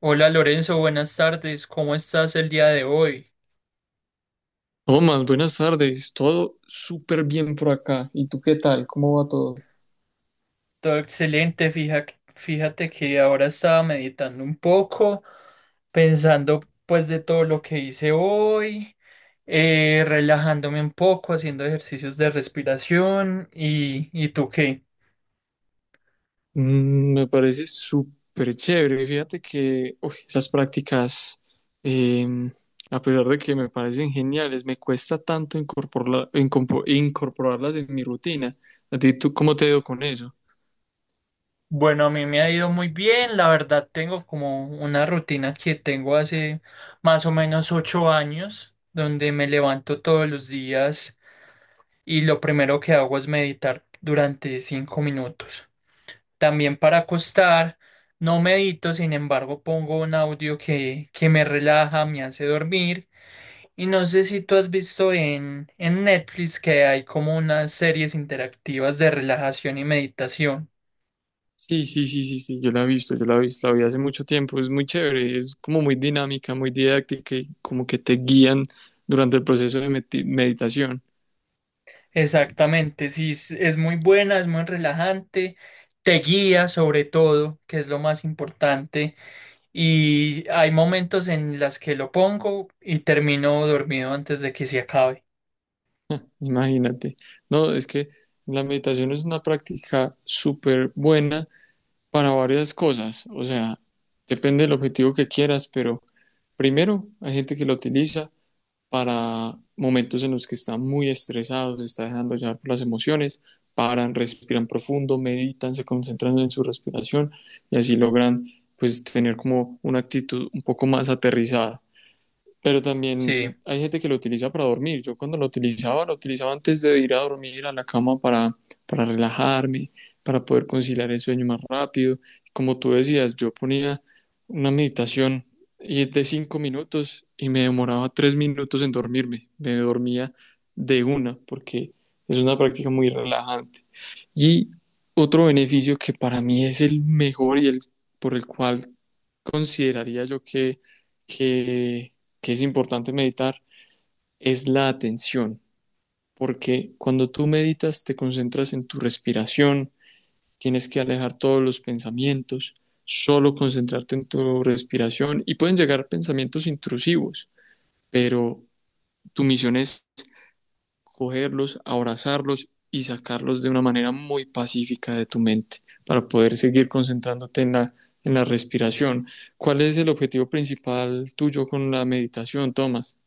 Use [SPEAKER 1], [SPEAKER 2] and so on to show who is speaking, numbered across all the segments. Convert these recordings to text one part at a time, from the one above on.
[SPEAKER 1] Hola Lorenzo, buenas tardes. ¿Cómo estás el día de hoy?
[SPEAKER 2] Tomás, buenas tardes. Todo súper bien por acá. ¿Y tú qué tal? ¿Cómo va todo?
[SPEAKER 1] Todo excelente. Fíjate que ahora estaba meditando un poco, pensando pues de todo lo que hice hoy, relajándome un poco, haciendo ejercicios de respiración ¿y tú qué?
[SPEAKER 2] Me parece súper chévere. Fíjate que uy, esas prácticas, eh, a pesar de que me parecen geniales, me cuesta tanto incorporarlas en mi rutina. ¿A ti tú cómo te ha ido con eso?
[SPEAKER 1] Bueno, a mí me ha ido muy bien. La verdad, tengo como una rutina que tengo hace más o menos 8 años, donde me levanto todos los días, y lo primero que hago es meditar durante 5 minutos. También para acostar, no medito, sin embargo, pongo un audio que me relaja, me hace dormir. Y no sé si tú has visto en Netflix que hay como unas series interactivas de relajación y meditación.
[SPEAKER 2] Sí, sí, sí, sí, sí. Yo la he visto, la vi hace mucho tiempo. Es muy chévere, es como muy dinámica, muy didáctica y como que te guían durante el proceso de meditación.
[SPEAKER 1] Exactamente, sí, es muy buena, es muy relajante, te guía sobre todo, que es lo más importante, y hay momentos en las que lo pongo y termino dormido antes de que se acabe.
[SPEAKER 2] Imagínate. No, es que la meditación es una práctica súper buena para varias cosas. O sea, depende del objetivo que quieras, pero primero hay gente que lo utiliza para momentos en los que están muy estresados, se está dejando llevar por las emociones, paran, respiran profundo, meditan, se concentran en su respiración y así logran pues tener como una actitud un poco más aterrizada. Pero
[SPEAKER 1] Sí.
[SPEAKER 2] también hay gente que lo utiliza para dormir. Yo cuando lo utilizaba antes de ir a dormir a la cama para relajarme, para poder conciliar el sueño más rápido. Como tú decías, yo ponía una meditación y es de 5 minutos y me demoraba 3 minutos en dormirme. Me dormía de una porque es una práctica muy relajante. Y otro beneficio que para mí es el mejor y el por el cual consideraría yo que, que es importante meditar es la atención, porque cuando tú meditas te concentras en tu respiración, tienes que alejar todos los pensamientos, solo concentrarte en tu respiración y pueden llegar pensamientos intrusivos, pero tu misión es cogerlos, abrazarlos y sacarlos de una manera muy pacífica de tu mente para poder seguir concentrándote en la respiración. ¿Cuál es el objetivo principal tuyo con la meditación, Tomás?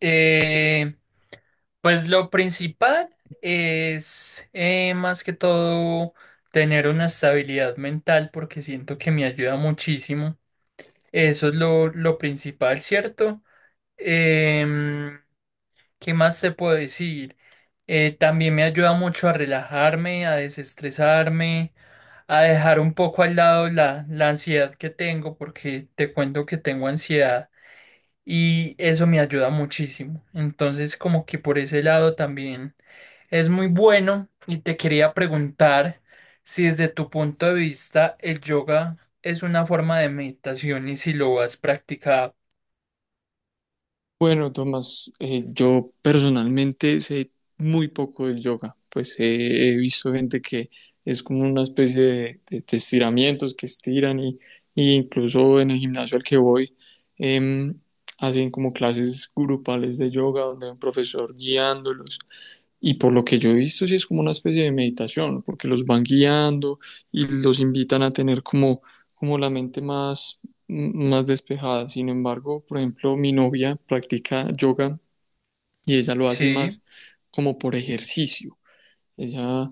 [SPEAKER 1] Eh, pues lo principal es más que todo tener una estabilidad mental porque siento que me ayuda muchísimo. Eso es lo principal, ¿cierto? Em, ¿Qué más te puedo decir? También me ayuda mucho a relajarme, a desestresarme, a dejar un poco al lado la ansiedad que tengo, porque te cuento que tengo ansiedad y eso me ayuda muchísimo. Entonces, como que por ese lado también es muy bueno, y te quería preguntar si desde tu punto de vista el yoga es una forma de meditación y si lo has practicado.
[SPEAKER 2] Bueno, Tomás, yo personalmente sé muy poco del yoga, pues he visto gente que es como una especie de estiramientos que estiran y incluso en el gimnasio al que voy em, hacen como clases grupales de yoga donde hay un profesor guiándolos y por lo que yo he visto, sí es como una especie de meditación, porque los van guiando y los invitan a tener como, como la mente más, más despejada. Sin embargo, por ejemplo, mi novia practica yoga y ella lo hace
[SPEAKER 1] Sí.
[SPEAKER 2] más como por ejercicio. Ella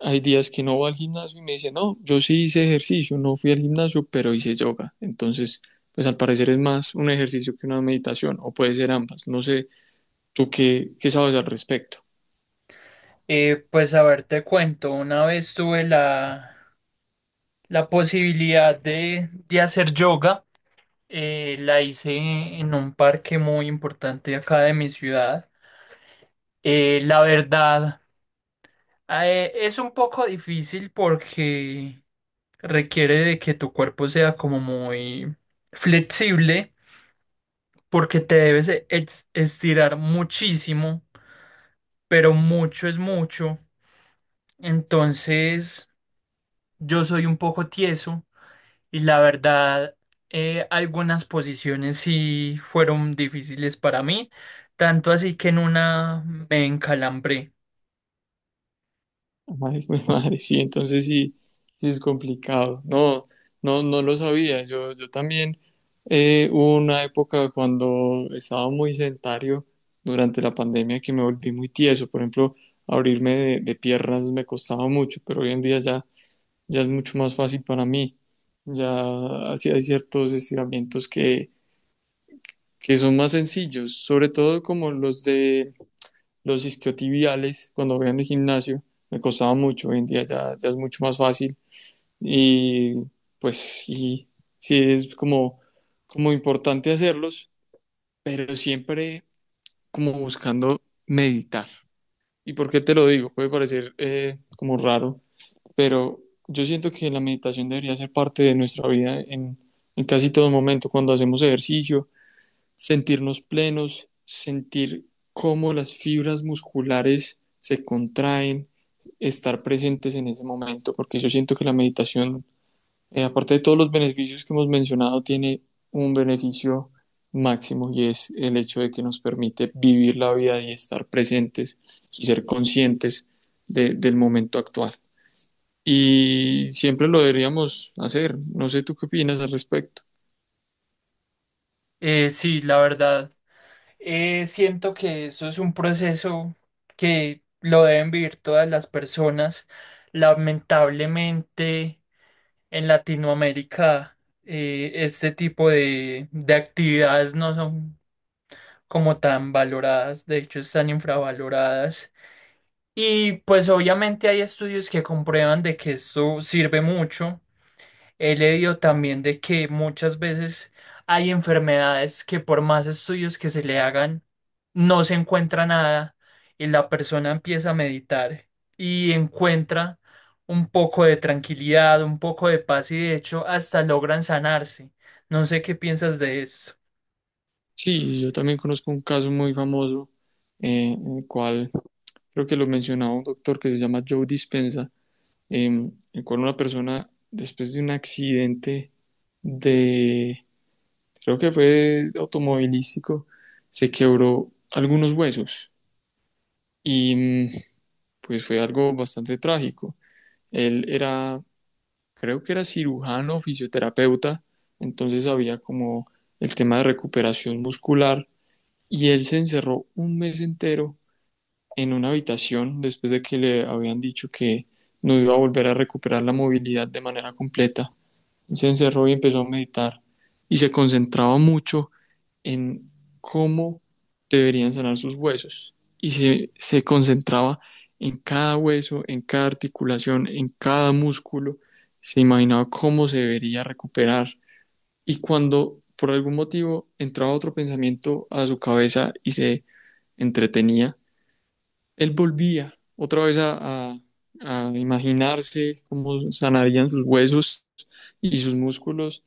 [SPEAKER 2] hay días que no va al gimnasio y me dice, no, yo sí hice ejercicio, no fui al gimnasio, pero hice yoga. Entonces, pues al parecer es más un ejercicio que una meditación, o puede ser ambas. No sé, ¿tú qué sabes al respecto?
[SPEAKER 1] Pues a ver, te cuento, una vez tuve la posibilidad de hacer yoga, la hice en un parque muy importante acá de mi ciudad. La verdad, es un poco difícil porque requiere de que tu cuerpo sea como muy flexible, porque te debes estirar muchísimo, pero mucho es mucho. Entonces... Yo soy un poco tieso y la verdad, algunas posiciones sí fueron difíciles para mí, tanto así que en una me encalambré.
[SPEAKER 2] Ay, güey, madre, sí, entonces sí, sí es complicado. No, no, no lo sabía. Yo también hubo una época cuando estaba muy sedentario durante la pandemia que me volví muy tieso. Por ejemplo, abrirme de piernas me costaba mucho, pero hoy en día ya, ya es mucho más fácil para mí. Ya así hay ciertos estiramientos que son más sencillos, sobre todo como los de los isquiotibiales, cuando voy en el gimnasio, me costaba mucho. Hoy en día ya, ya es mucho más fácil. Y pues sí, sí es como, como importante hacerlos, pero siempre como buscando meditar. ¿Y por qué te lo digo? Puede parecer como raro, pero yo siento que la meditación debería ser parte de nuestra vida en casi todo momento, cuando hacemos ejercicio, sentirnos plenos, sentir cómo las fibras musculares se contraen, estar presentes en ese momento, porque yo siento que la meditación, aparte de todos los beneficios que hemos mencionado, tiene un beneficio máximo y es el hecho de que nos permite vivir la vida y estar presentes y ser conscientes del momento actual. Y siempre lo deberíamos hacer. No sé tú qué opinas al respecto.
[SPEAKER 1] Sí, la verdad, siento que eso es un proceso que lo deben vivir todas las personas. Lamentablemente, en Latinoamérica, este tipo de actividades no son como tan valoradas, de hecho están infravaloradas. Y pues obviamente hay estudios que comprueban de que esto sirve mucho. He leído también de que muchas veces hay enfermedades que por más estudios que se le hagan, no se encuentra nada, y la persona empieza a meditar y encuentra un poco de tranquilidad, un poco de paz, y de hecho hasta logran sanarse. No sé qué piensas de esto.
[SPEAKER 2] Sí, yo también conozco un caso muy famoso, en el cual creo que lo mencionaba un doctor que se llama Joe Dispenza, en el cual una persona, después de un accidente de, creo que fue automovilístico, se quebró algunos huesos y pues fue algo bastante trágico. Él era, creo que era cirujano, fisioterapeuta, entonces había como el tema de recuperación muscular y él se encerró un mes entero en una habitación después de que le habían dicho que no iba a volver a recuperar la movilidad de manera completa. Se encerró y empezó a meditar y se concentraba mucho en cómo deberían sanar sus huesos y se concentraba en cada hueso, en cada articulación, en cada músculo. Se imaginaba cómo se debería recuperar y cuando por algún motivo entraba otro pensamiento a su cabeza y se entretenía, él volvía otra vez a imaginarse cómo sanarían sus huesos y sus músculos.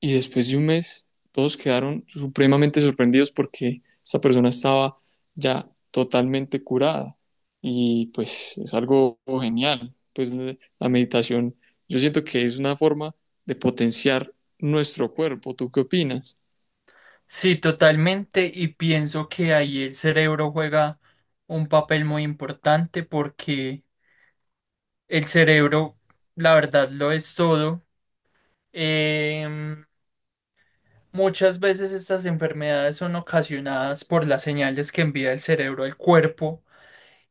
[SPEAKER 2] Y después de un mes, todos quedaron supremamente sorprendidos porque esta persona estaba ya totalmente curada. Y pues es algo genial. Pues la meditación, yo siento que es una forma de potenciar nuestro cuerpo. ¿Tú qué opinas?
[SPEAKER 1] Sí, totalmente, y pienso que ahí el cerebro juega un papel muy importante porque el cerebro, la verdad, lo es todo. Em, muchas veces estas enfermedades son ocasionadas por las señales que envía el cerebro al cuerpo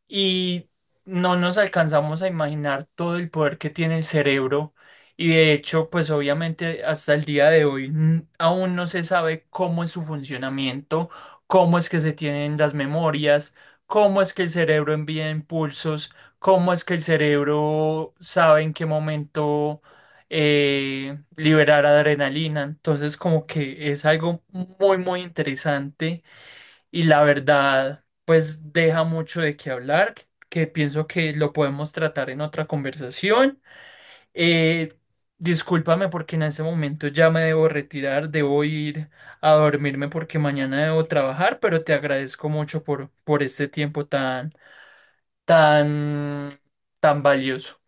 [SPEAKER 1] y no nos alcanzamos a imaginar todo el poder que tiene el cerebro, y de hecho, pues obviamente hasta el día de hoy aún no se sabe cómo es su funcionamiento, cómo es que se tienen las memorias, cómo es que el cerebro envía impulsos, cómo es que el cerebro sabe en qué momento liberar adrenalina. Entonces, como que es algo muy, muy interesante, y la verdad, pues deja mucho de qué hablar, que pienso que lo podemos tratar en otra conversación. Eh, discúlpame porque en ese momento ya me debo retirar, debo ir a dormirme porque mañana debo trabajar, pero te agradezco mucho por este tiempo tan, tan, tan valioso.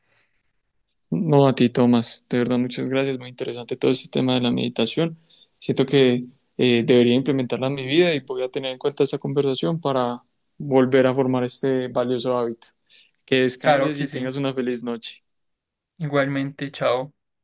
[SPEAKER 2] No, a ti, Tomás. De verdad, muchas gracias. Muy interesante todo este tema de la meditación. Siento que debería implementarla en mi vida y voy a tener en cuenta esta conversación para volver a formar este valioso hábito. Que
[SPEAKER 1] Claro
[SPEAKER 2] descanses
[SPEAKER 1] que
[SPEAKER 2] y
[SPEAKER 1] sí.
[SPEAKER 2] tengas una feliz noche.
[SPEAKER 1] Igualmente, chao.